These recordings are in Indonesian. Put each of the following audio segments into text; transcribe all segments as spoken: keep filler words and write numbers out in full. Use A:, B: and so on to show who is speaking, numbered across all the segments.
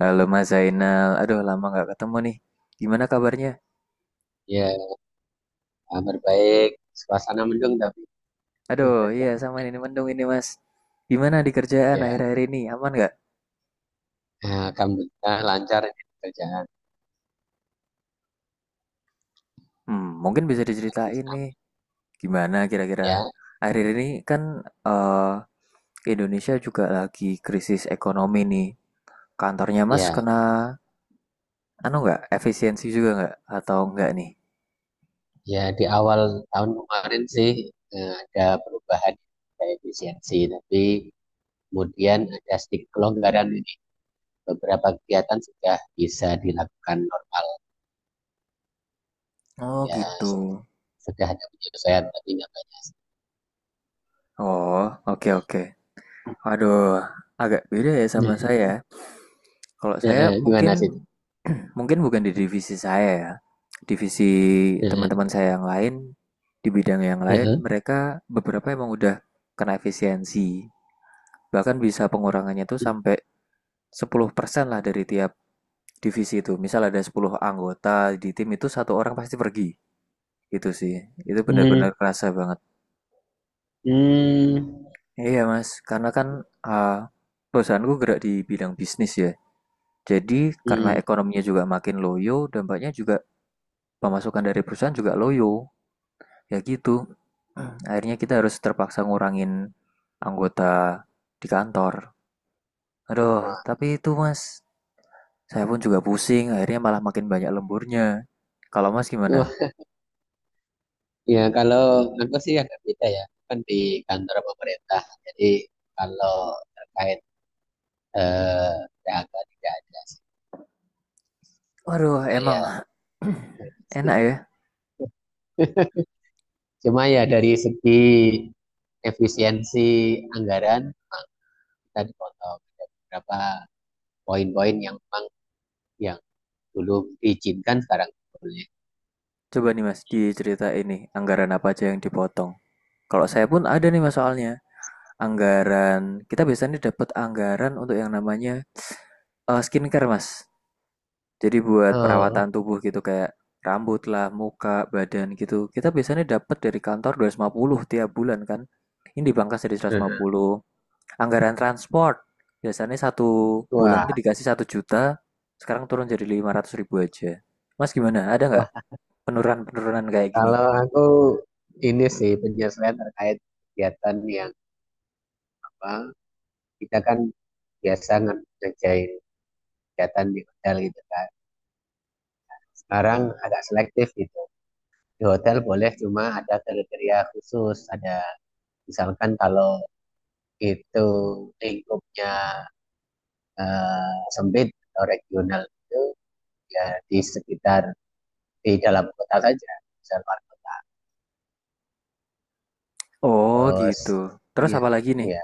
A: Halo Mas Zainal, aduh lama nggak ketemu nih. Gimana kabarnya?
B: Ya, kabar baik. Suasana mendung tapi
A: Aduh, iya sama ini mendung ini Mas. Gimana di kerjaan
B: ya,
A: akhir-akhir ini? Aman nggak?
B: eh, alhamdulillah lancar ini kerjaan.
A: Hmm, mungkin bisa
B: Tapi
A: diceritain nih.
B: sama-
A: Gimana kira-kira?
B: ya.
A: Akhir ini kan eh Indonesia juga lagi krisis ekonomi nih. Kantornya Mas
B: Ya,
A: kena anu nggak? Efisiensi juga nggak? Atau nggak nih?
B: ya, di awal tahun kemarin sih, eh, ada perubahan kayak efisiensi, tapi kemudian ada sedikit kelonggaran ini. Beberapa kegiatan sudah bisa dilakukan normal.
A: Oh
B: Ya,
A: gitu.
B: se- sudah ada penyelesaian tapi nggak banyak.
A: Oh, oke oke. Aduh, agak beda ya
B: Ya,
A: sama saya. Kalau
B: ya,
A: saya
B: ya. Gimana
A: mungkin
B: sih?
A: mungkin bukan di divisi saya ya. Divisi
B: Ya,
A: teman-teman saya yang lain di bidang yang
B: ya,
A: lain
B: ya.
A: mereka beberapa emang udah kena efisiensi. Bahkan bisa pengurangannya tuh sampai sepuluh persen lah dari tiap divisi itu. Misal ada sepuluh anggota di tim itu satu orang pasti pergi. Itu sih. Itu benar-benar
B: Hmm,
A: kerasa banget.
B: hmm,
A: Iya Mas, karena kan eh, perusahaanku gerak di bidang bisnis ya. Jadi karena
B: hmm.
A: ekonominya juga makin loyo, dampaknya juga pemasukan dari perusahaan juga loyo, ya gitu. Hmm. Akhirnya kita harus terpaksa ngurangin anggota di kantor. Aduh,
B: Wah,
A: tapi itu mas, saya pun juga pusing, akhirnya malah makin banyak lemburnya. Kalau mas gimana?
B: itu. Ya, kalau aku sih agak beda ya. Kan di kantor pemerintah. Jadi kalau terkait, eh, P H K tidak ada.
A: Waduh,
B: Nah,
A: emang
B: ya, ya,
A: enak
B: gitu.
A: ya.
B: Cuma ya dari segi efisiensi anggaran, kita dipotong ada beberapa poin-poin yang memang yang dulu diizinkan sekarang boleh.
A: Coba nih mas, di cerita ini anggaran apa aja yang dipotong. Kalau saya pun ada nih mas, soalnya anggaran kita biasanya dapat anggaran untuk yang namanya eh, skincare mas. Jadi buat
B: Oh.
A: perawatan tubuh gitu kayak rambut lah, muka, badan gitu. Kita biasanya dapat dari kantor dua ratus lima puluh tiap bulan kan. Ini dipangkas jadi seratus lima
B: Mhm.
A: puluh Anggaran transport biasanya satu bulan
B: Wah,
A: itu dikasih satu juta, sekarang turun jadi lima ratus ribu aja. Mas gimana? Ada nggak
B: wah,
A: penurunan-penurunan kayak gini?
B: kalau aku ini sih penyesuaian terkait kegiatan yang apa, kita kan biasa ngerjain kegiatan di hotel gitu kan. Sekarang agak selektif gitu. Di hotel boleh cuma ada kriteria khusus, ada misalkan kalau itu lingkupnya eh, sempit atau regional, itu ya di sekitar, di dalam kota saja, misalkan.
A: Oh
B: Terus
A: gitu. Terus
B: iya,
A: apa lagi nih?
B: iya,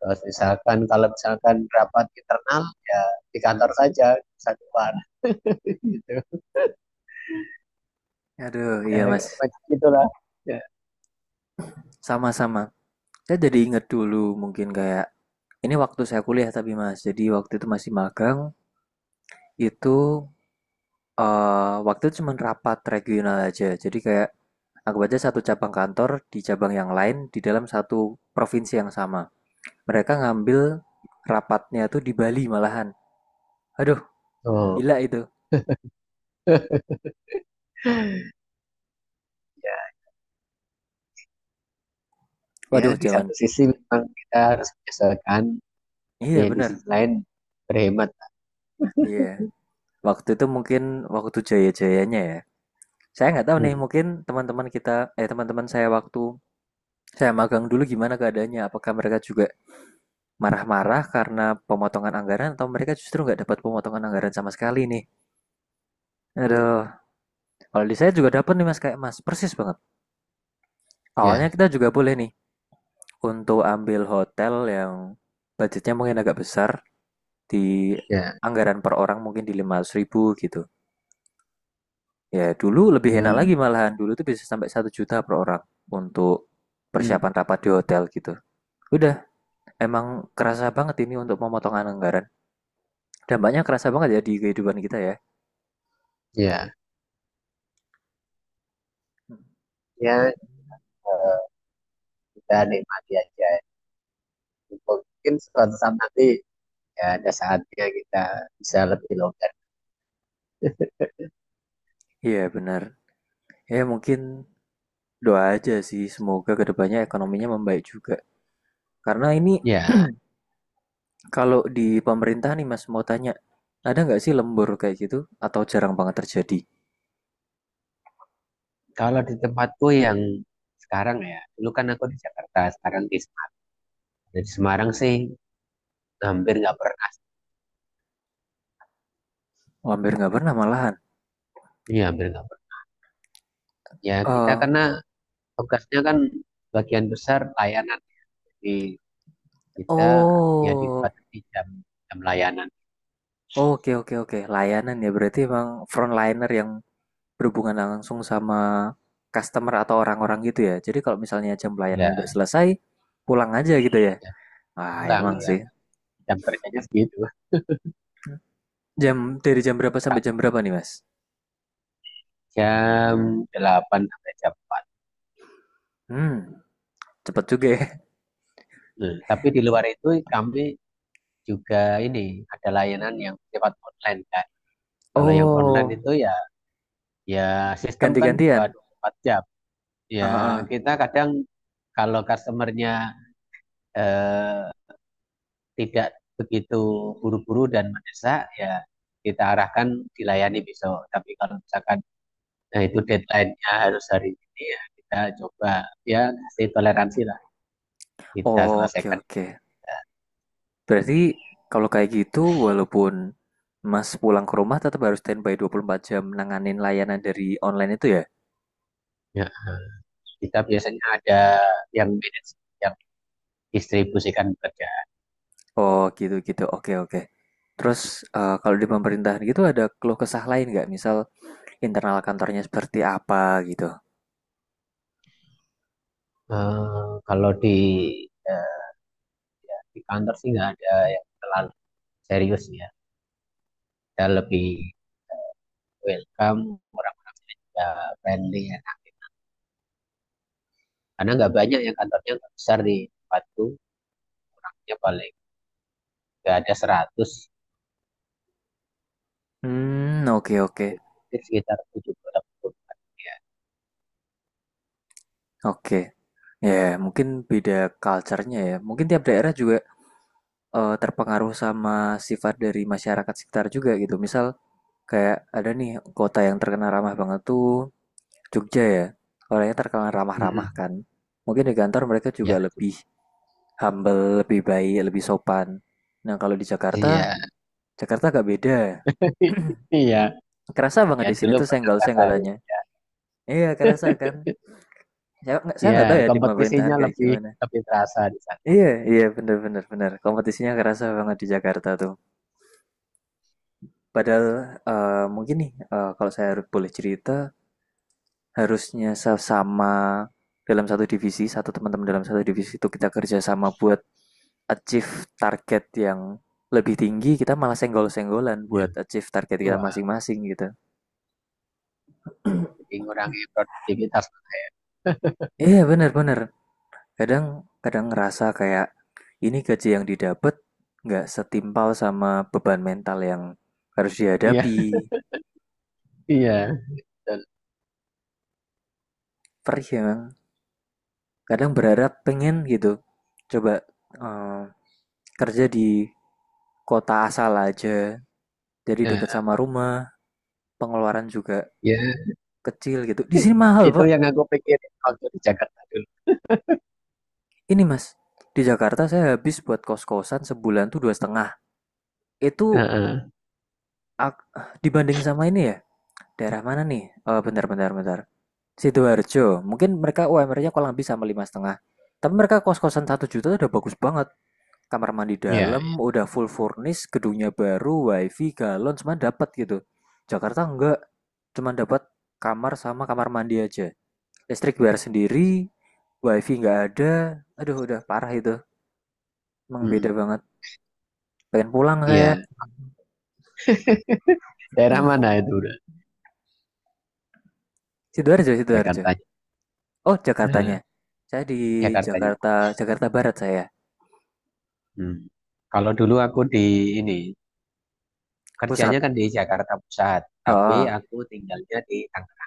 B: terus misalkan kalau misalkan rapat internal ya di kantor saja, satu keluar. Gitu
A: Aduh,
B: ya,
A: iya mas.
B: semacam itulah ya.
A: Sama-sama. Saya jadi inget dulu mungkin kayak ini waktu saya kuliah tapi mas. Jadi waktu itu masih magang, itu Eh, waktu itu cuman rapat regional aja. Jadi kayak anggap aja satu cabang kantor di cabang yang lain di dalam satu provinsi yang sama. Mereka ngambil rapatnya tuh di Bali malahan. Aduh,
B: Oh.
A: gila itu.
B: Ya,
A: Waduh,
B: di satu
A: jangan.
B: sisi memang kita harus menyesalkan tapi
A: Iya
B: di
A: bener.
B: sisi lain berhemat.
A: Iya. Waktu itu mungkin waktu jaya-jayanya ya. Saya nggak tahu nih,
B: Hmm,
A: mungkin teman-teman kita, eh teman-teman saya waktu saya magang dulu gimana keadaannya. Apakah mereka juga marah-marah karena pemotongan anggaran atau mereka justru nggak dapat pemotongan anggaran sama sekali nih?
B: hmm,
A: Aduh, kalau di saya juga dapat nih mas, kayak mas, persis banget. Awalnya
B: ya,
A: kita juga boleh nih untuk ambil hotel yang budgetnya mungkin agak besar di
B: ya,
A: anggaran per orang mungkin di lima ratus ribu gitu. Ya dulu lebih enak lagi
B: hmm,
A: malahan, dulu tuh bisa sampai satu juta per orang untuk
B: hmm,
A: persiapan rapat di hotel gitu. Udah, emang kerasa banget ini untuk pemotongan anggaran. Dampaknya kerasa banget ya di kehidupan kita ya.
B: ya, ya, eh, kita nikmati aja. Mungkin suatu saat nanti ya ada saatnya kita bisa lebih longgar.
A: Iya benar. Ya mungkin doa aja sih, semoga kedepannya ekonominya membaik juga. Karena ini
B: Ya,
A: Kalau di pemerintah nih Mas mau tanya, ada nggak sih lembur kayak gitu? Atau jarang banget terjadi?
B: kalau di tempatku yang sekarang ya, dulu kan aku di Jakarta, sekarang di Semarang. Di Semarang sih hampir nggak pernah.
A: Oh, hampir nggak pernah malahan.
B: Iya, hampir nggak pernah. Ya, kita
A: Eh,
B: karena tugasnya kan bagian besar layanan di kita, ya
A: oh,
B: dibatasi jam, jam layanan
A: oke oke oke. Layanan ya berarti emang frontliner yang berhubungan langsung sama customer atau orang-orang gitu ya. Jadi kalau misalnya jam pelayanannya
B: ya.
A: udah selesai, pulang aja gitu ya.
B: Ya,
A: Ah,
B: pulang
A: emang
B: ya,
A: sih.
B: jam kerjanya segitu,
A: Jam dari jam berapa sampai jam berapa nih Mas?
B: jam delapan sampai jam empat.
A: Hmm, cepet juga ya.
B: Nah, tapi di luar itu kami juga ini ada layanan yang sifat online kan. Kalau yang online
A: Oh,
B: itu, ya, ya sistem kan buka
A: ganti-gantian.
B: dua puluh empat jam,
A: Ah,
B: ya
A: ah.
B: kita kadang kalau customernya eh, tidak begitu buru-buru dan mendesak ya kita arahkan, dilayani besok. Tapi kalau misalkan, nah, itu deadline-nya harus hari ini ya, kita coba, ya kasih toleransi lah, kita
A: Oh, oke
B: selesaikan.
A: oke. Berarti kalau kayak gitu, walaupun Mas pulang ke rumah tetap harus standby dua puluh empat jam nanganin layanan dari online itu ya?
B: Ya, kita biasanya ada yang manage, yang distribusikan kerja.
A: Oh gitu-gitu, oke oke. Terus eh, kalau di pemerintahan gitu ada keluh kesah lain nggak? Misal internal kantornya seperti apa gitu?
B: Eh, kalau di, eh, ya, di kantor sih nggak ada yang terlalu serius ya. Kita lebih welcome, orang-orangnya juga friendly ya. Karena nggak banyak, yang kantornya nggak besar di tempatku. Ya paling nggak ada seratus
A: Hmm, oke oke
B: gitu. Mungkin sekitar tujuh puluh orang ya.
A: oke. Ya, mungkin beda culture-nya ya. Mungkin tiap daerah juga eh, terpengaruh sama sifat dari masyarakat sekitar juga gitu. Misal kayak ada nih kota yang terkenal ramah banget tuh Jogja ya. Orangnya terkenal ramah-ramah
B: Mm-mm.
A: kan. Mungkin di kantor mereka juga
B: Ya,
A: lebih humble, lebih baik, lebih sopan. Nah, kalau di Jakarta,
B: iya.
A: Jakarta agak beda.
B: Iya,
A: Kerasa banget
B: ya
A: di sini
B: dulu
A: tuh
B: pernah ngerasain.
A: senggol-senggolannya. Iya, kerasa kan. Saya nggak saya
B: Ya,
A: nggak tahu ya di pemerintahan
B: kompetisinya
A: kayak
B: lebih
A: gimana.
B: lebih terasa di sana.
A: Iya, iya bener-bener bener. Kompetisinya kerasa banget di Jakarta tuh. Padahal eh, mungkin nih eh, kalau saya boleh cerita harusnya sama dalam satu divisi, satu teman-teman dalam satu divisi itu kita kerjasama buat achieve target yang lebih tinggi, kita malah senggol-senggolan
B: Iya.
A: buat achieve target kita
B: Wah,
A: masing-masing gitu.
B: jadi ngurangi produktivitas.
A: Iya yeah, bener-bener, kadang kadang ngerasa kayak ini gaji yang didapat nggak setimpal sama beban mental yang harus
B: Iya,
A: dihadapi.
B: iya. Dan,
A: Perih ya, kadang berharap pengen gitu, coba eh, kerja di kota asal aja, jadi deket
B: ya,
A: sama rumah, pengeluaran juga
B: ya.
A: kecil gitu. Di sini mahal,
B: Itu
A: Pak.
B: yang aku pikirin waktu di Jakarta dulu.
A: Ini, Mas. Di Jakarta saya habis buat kos-kosan sebulan tuh dua setengah. Itu
B: Heeh.
A: ak- dibanding sama ini ya. Daerah mana nih? Oh, bentar, bentar, bentar. Sidoarjo. Mungkin mereka U M R-nya-nya kurang lebih sama lima setengah. Tapi mereka kos-kosan satu juta udah bagus banget. Kamar mandi
B: Iya,
A: dalam,
B: iya.
A: udah full furnish, gedungnya baru, wifi, galon, cuma dapat gitu. Jakarta enggak, cuma dapat kamar sama kamar mandi aja. Listrik bayar sendiri, wifi nggak ada, aduh udah parah itu, emang
B: Mm,
A: beda banget. Pengen pulang saya.
B: iya. Daerah mana itu udah?
A: Sidoarjo, Sidoarjo.
B: Jakarta.
A: Oh, Jakartanya.
B: Heeh,
A: Saya di
B: Jakarta.
A: Jakarta, Jakarta Barat saya,
B: Hmm. Kalau dulu aku di ini
A: pusat.
B: kerjanya kan di Jakarta Pusat, tapi
A: Oh,
B: aku tinggalnya di Tangerang.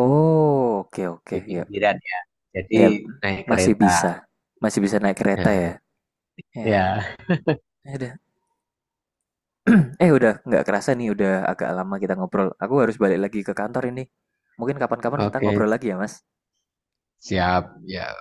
A: oh, oke oke,
B: Di
A: ya,
B: pinggiran ya. Jadi
A: ya
B: naik
A: masih bisa,
B: kereta.
A: masih bisa naik kereta
B: Nah,
A: ya. Ya,
B: ya,
A: ya udah. Eh udah nggak kerasa nih, udah agak lama kita ngobrol. Aku harus balik lagi ke kantor ini. Mungkin kapan-kapan kita
B: oke,
A: ngobrol lagi ya, Mas.
B: siap ya.